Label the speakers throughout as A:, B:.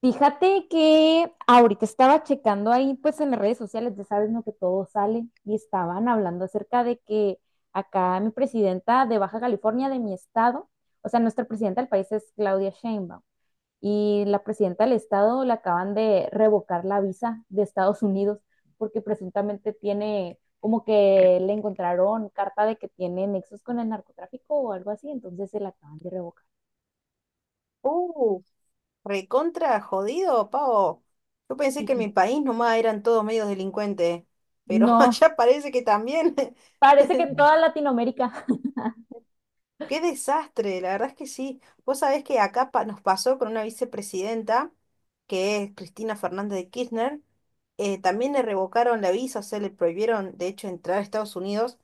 A: Fíjate que ahorita estaba checando ahí, pues en las redes sociales, ya sabes, no que todo sale, y estaban hablando acerca de que acá mi presidenta de Baja California, de mi estado, o sea, nuestra presidenta del país es Claudia Sheinbaum, y la presidenta del estado le acaban de revocar la visa de Estados Unidos porque presuntamente tiene, como que le encontraron carta de que tiene nexos con el narcotráfico o algo así, entonces se la acaban de revocar.
B: Uh, Recontra jodido, Pavo. Yo pensé que en mi país nomás eran todos medios delincuentes, pero
A: No,
B: allá parece que también.
A: parece que en toda Latinoamérica.
B: Qué desastre, la verdad es que sí. Vos sabés que acá nos pasó con una vicepresidenta, que es Cristina Fernández de Kirchner, también le revocaron la visa, o sea, le prohibieron, de hecho, entrar a Estados Unidos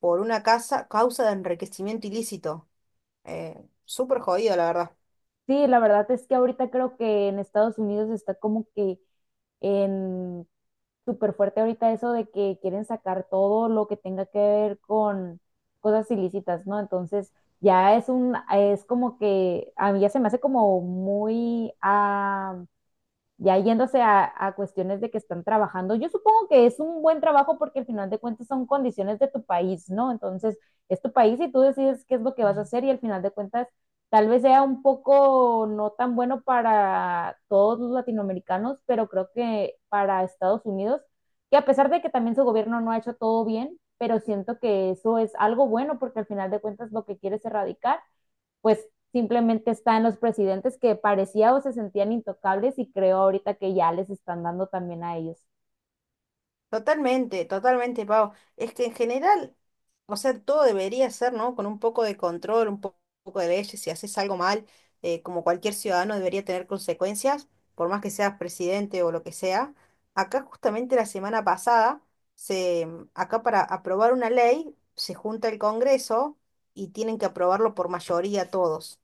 B: por una causa de enriquecimiento ilícito. Eh, súper jodido, la verdad.
A: Sí, la verdad es que ahorita creo que en Estados Unidos está como que en súper fuerte ahorita eso de que quieren sacar todo lo que tenga que ver con cosas ilícitas, ¿no? Entonces ya es un, es como que a mí ya se me hace como muy, ya yéndose a cuestiones de que están trabajando, yo supongo que es un buen trabajo porque al final de cuentas son condiciones de tu país, ¿no? Entonces, es tu país y tú decides qué es lo que vas a hacer y al final de cuentas tal vez sea un poco no tan bueno para todos los latinoamericanos, pero creo que para Estados Unidos, que a pesar de que también su gobierno no ha hecho todo bien, pero siento que eso es algo bueno porque al final de cuentas lo que quiere es erradicar pues simplemente está en los presidentes que parecía o se sentían intocables y creo ahorita que ya les están dando también a ellos.
B: Totalmente, totalmente, Pau. Es que en general, o sea, todo debería ser, ¿no? Con un poco de control, poco de leyes. Si haces algo mal, como cualquier ciudadano debería tener consecuencias, por más que seas presidente o lo que sea. Acá justamente la semana pasada, acá para aprobar una ley, se junta el Congreso y tienen que aprobarlo por mayoría todos,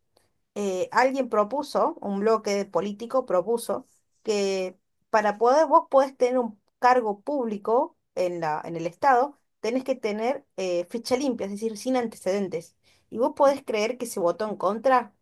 B: alguien propuso, un bloque político propuso, que para poder vos podés tener un cargo público en en el Estado, tenés que tener ficha limpia, es decir, sin antecedentes. Y vos podés creer que se votó en contra.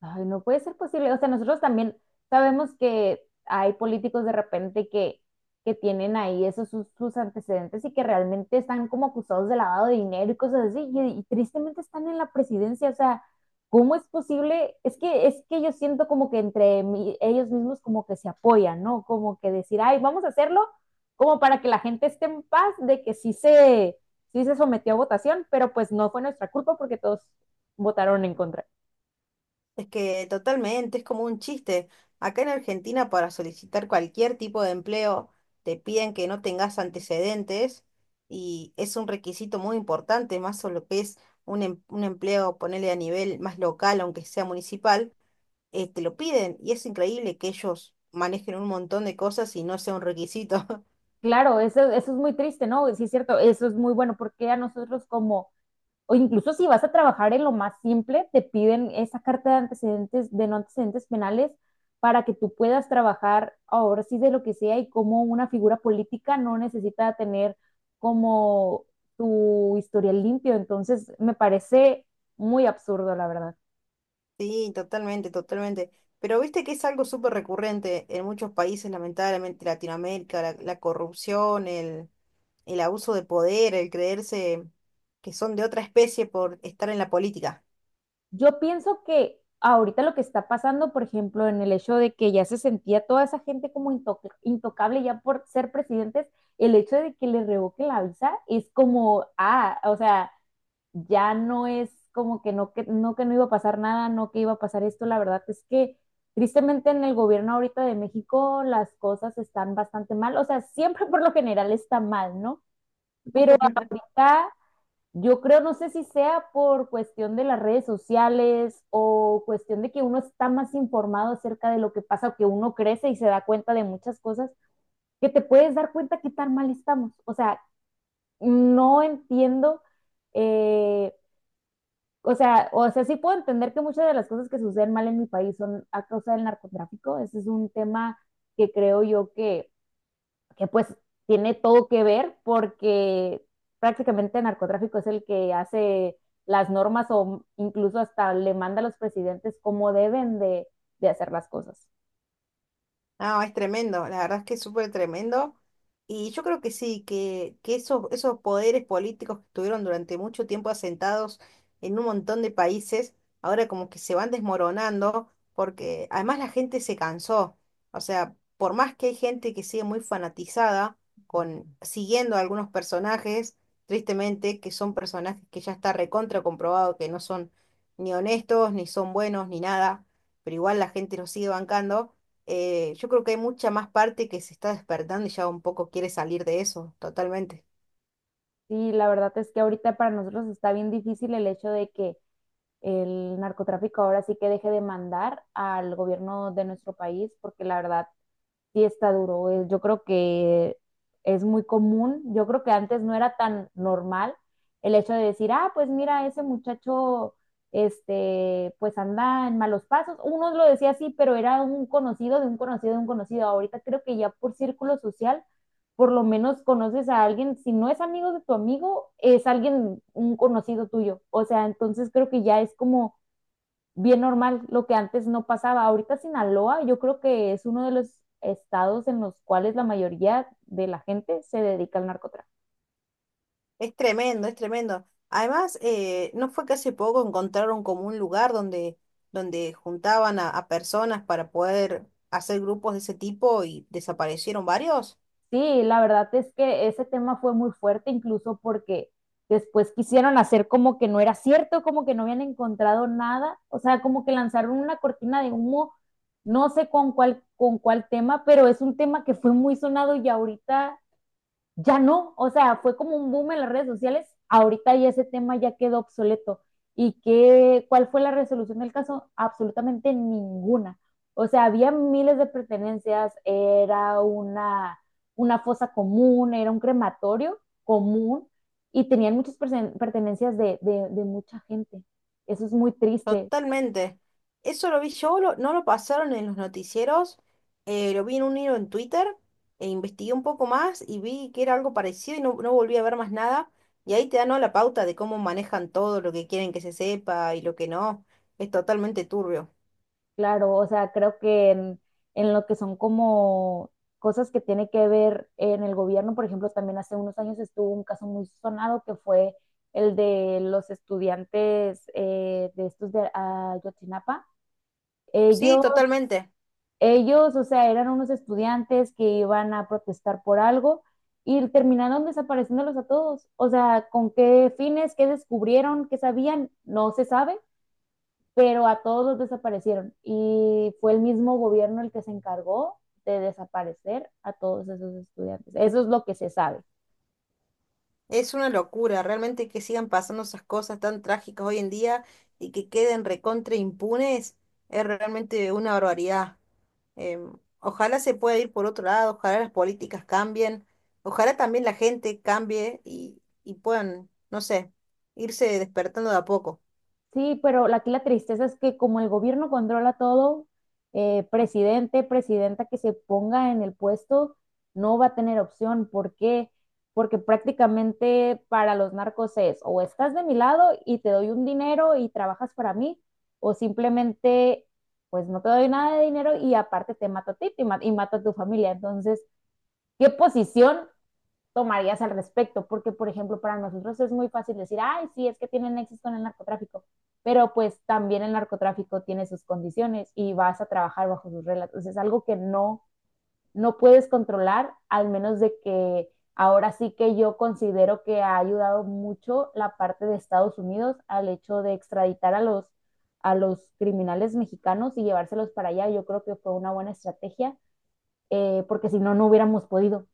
A: Ay, no puede ser posible. O sea, nosotros también sabemos que hay políticos de repente que tienen ahí esos sus antecedentes y que realmente están como acusados de lavado de dinero y cosas así, y tristemente están en la presidencia. O sea, ¿cómo es posible? Es que yo siento como que entre ellos mismos como que se apoyan, ¿no? Como que decir, ay, vamos a hacerlo, como para que la gente esté en paz de que sí se sometió a votación, pero pues no fue nuestra culpa porque todos votaron en contra.
B: Es que totalmente, es como un chiste. Acá en Argentina para solicitar cualquier tipo de empleo te piden que no tengas antecedentes y es un requisito muy importante, más sobre lo que es un empleo, ponerle a nivel más local, aunque sea municipal, te lo piden y es increíble que ellos manejen un montón de cosas y no sea un requisito.
A: Claro, eso es muy triste, ¿no? Sí, es cierto, eso es muy bueno porque a nosotros como, o incluso si vas a trabajar en lo más simple, te piden esa carta de antecedentes, de no antecedentes penales, para que tú puedas trabajar ahora sí de lo que sea y como una figura política no necesita tener como tu historial limpio. Entonces, me parece muy absurdo, la verdad.
B: Sí, totalmente, totalmente. Pero viste que es algo súper recurrente en muchos países, lamentablemente Latinoamérica, la corrupción, el abuso de poder, el creerse que son de otra especie por estar en la política.
A: Yo pienso que ahorita lo que está pasando, por ejemplo, en el hecho de que ya se sentía toda esa gente como intocable ya por ser presidentes, el hecho de que le revoquen la visa es como, o sea, ya no es como que que no iba a pasar nada, no que iba a pasar esto. La verdad es que tristemente en el gobierno ahorita de México las cosas están bastante mal. O sea, siempre por lo general está mal, ¿no? Pero ahorita yo creo, no sé si sea por cuestión de las redes sociales o cuestión de que uno está más informado acerca de lo que pasa, que uno crece y se da cuenta de muchas cosas, que te puedes dar cuenta qué tan mal estamos. O sea, no entiendo, eh, o sea, sí puedo entender que muchas de las cosas que suceden mal en mi país son a causa del narcotráfico. Ese es un tema que creo yo que pues tiene todo que ver porque prácticamente el narcotráfico es el que hace las normas o incluso hasta le manda a los presidentes cómo deben de hacer las cosas.
B: No, es tremendo, la verdad es que es súper tremendo. Y yo creo que sí, que esos, esos poderes políticos que estuvieron durante mucho tiempo asentados en un montón de países, ahora como que se van desmoronando, porque además la gente se cansó. O sea, por más que hay gente que sigue muy fanatizada con siguiendo a algunos personajes, tristemente, que son personajes que ya está recontra comprobado que no son ni honestos, ni son buenos, ni nada, pero igual la gente los sigue bancando, yo creo que hay mucha más parte que se está despertando y ya un poco quiere salir de eso, totalmente.
A: Sí, la verdad es que ahorita para nosotros está bien difícil el hecho de que el narcotráfico ahora sí que deje de mandar al gobierno de nuestro país, porque la verdad sí está duro. Yo creo que es muy común. Yo creo que antes no era tan normal el hecho de decir, ah, pues mira, ese muchacho, este, pues anda en malos pasos. Uno lo decía así, pero era un conocido de un conocido de un conocido. Ahorita creo que ya por círculo social, por lo menos conoces a alguien. Si no es amigo de tu amigo, es alguien, un conocido tuyo. O sea, entonces creo que ya es como bien normal, lo que antes no pasaba. Ahorita Sinaloa yo creo que es uno de los estados en los cuales la mayoría de la gente se dedica al narcotráfico.
B: Es tremendo, es tremendo. Además, ¿no fue que hace poco encontraron como un lugar donde, donde juntaban a personas para poder hacer grupos de ese tipo y desaparecieron varios?
A: Sí, la verdad es que ese tema fue muy fuerte, incluso porque después quisieron hacer como que no era cierto, como que no habían encontrado nada, o sea, como que lanzaron una cortina de humo, no sé con cuál tema, pero es un tema que fue muy sonado y ahorita ya no, o sea, fue como un boom en las redes sociales, ahorita ya ese tema ya quedó obsoleto. ¿Y qué, cuál fue la resolución del caso? Absolutamente ninguna. O sea, había miles de pertenencias, una fosa común, era un crematorio común y tenían muchas pertenencias de mucha gente. Eso es muy triste.
B: Totalmente. Eso lo vi yo, no lo pasaron en los noticieros, lo vi en un hilo en Twitter, e investigué un poco más y vi que era algo parecido y no, no volví a ver más nada. Y ahí te dan, ¿no? La pauta de cómo manejan todo, lo que quieren que se sepa y lo que no. Es totalmente turbio.
A: Claro, o sea, creo que en lo que son como cosas que tiene que ver en el gobierno, por ejemplo, también hace unos años estuvo un caso muy sonado que fue el de los estudiantes de estos de Ayotzinapa.
B: Sí,
A: Ellos,
B: totalmente.
A: ellos, o sea, eran unos estudiantes que iban a protestar por algo y terminaron desapareciéndolos a todos. O sea, ¿con qué fines? ¿Qué descubrieron? ¿Qué sabían? No se sabe, pero a todos los desaparecieron y fue el mismo gobierno el que se encargó de desaparecer a todos esos estudiantes. Eso es lo que se sabe.
B: Es una locura, realmente que sigan pasando esas cosas tan trágicas hoy en día y que queden recontra impunes, es realmente una barbaridad. Em, ojalá se pueda ir por otro lado, ojalá las políticas cambien, ojalá también la gente cambie y puedan, no sé, irse despertando de a poco.
A: Sí, pero aquí la tristeza es que como el gobierno controla todo, presidente, presidenta que se ponga en el puesto no va a tener opción. ¿Por qué? Porque prácticamente para los narcos es o estás de mi lado y te doy un dinero y trabajas para mí, o simplemente pues no te doy nada de dinero y aparte te mato a ti y mato a tu familia. Entonces, ¿qué posición tomarías al respecto? Porque por ejemplo para nosotros es muy fácil decir, ay, sí, es que tienen nexos con el narcotráfico, pero pues también el narcotráfico tiene sus condiciones y vas a trabajar bajo sus reglas, entonces es algo que no, no puedes controlar, al menos de que ahora sí que yo considero que ha ayudado mucho la parte de Estados Unidos al hecho de extraditar a a los criminales mexicanos y llevárselos para allá, yo creo que fue una buena estrategia, porque si no, no hubiéramos podido.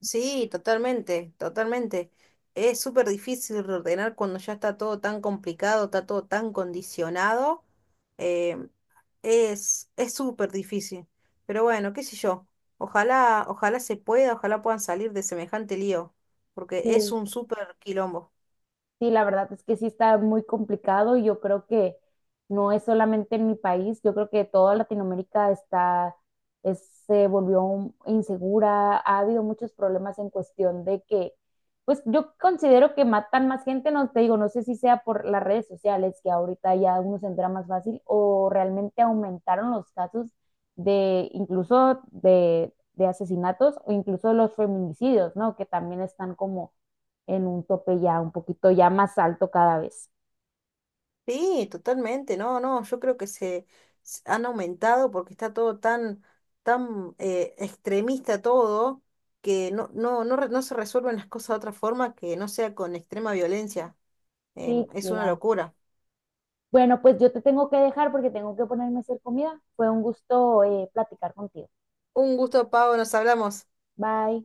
B: Sí, totalmente, totalmente. Es súper difícil reordenar cuando ya está todo tan complicado, está todo tan condicionado. Em, es súper difícil. Pero bueno, qué sé yo. Ojalá, ojalá se pueda, ojalá puedan salir de semejante lío, porque es
A: Sí,
B: un súper quilombo.
A: Sí, la verdad es que sí está muy complicado y yo creo que no es solamente en mi país, yo creo que toda Latinoamérica está, es- se volvió insegura, ha habido muchos problemas en cuestión de que, pues yo considero que matan más gente, no te digo, no sé si sea por las redes sociales, que ahorita ya uno se entera más fácil, o realmente aumentaron los casos de incluso de asesinatos o incluso los feminicidios, ¿no? Que también están como en un tope ya un poquito ya más alto cada vez.
B: Sí, totalmente. No, no, yo creo que se han aumentado porque está todo tan, tan extremista todo, que no, no, no, no se resuelven las cosas de otra forma que no sea con extrema violencia.
A: Sí,
B: Es una
A: claro.
B: locura.
A: Bueno, pues yo te tengo que dejar porque tengo que ponerme a hacer comida. Fue un gusto platicar contigo.
B: Un gusto, Pau, nos hablamos.
A: Bye.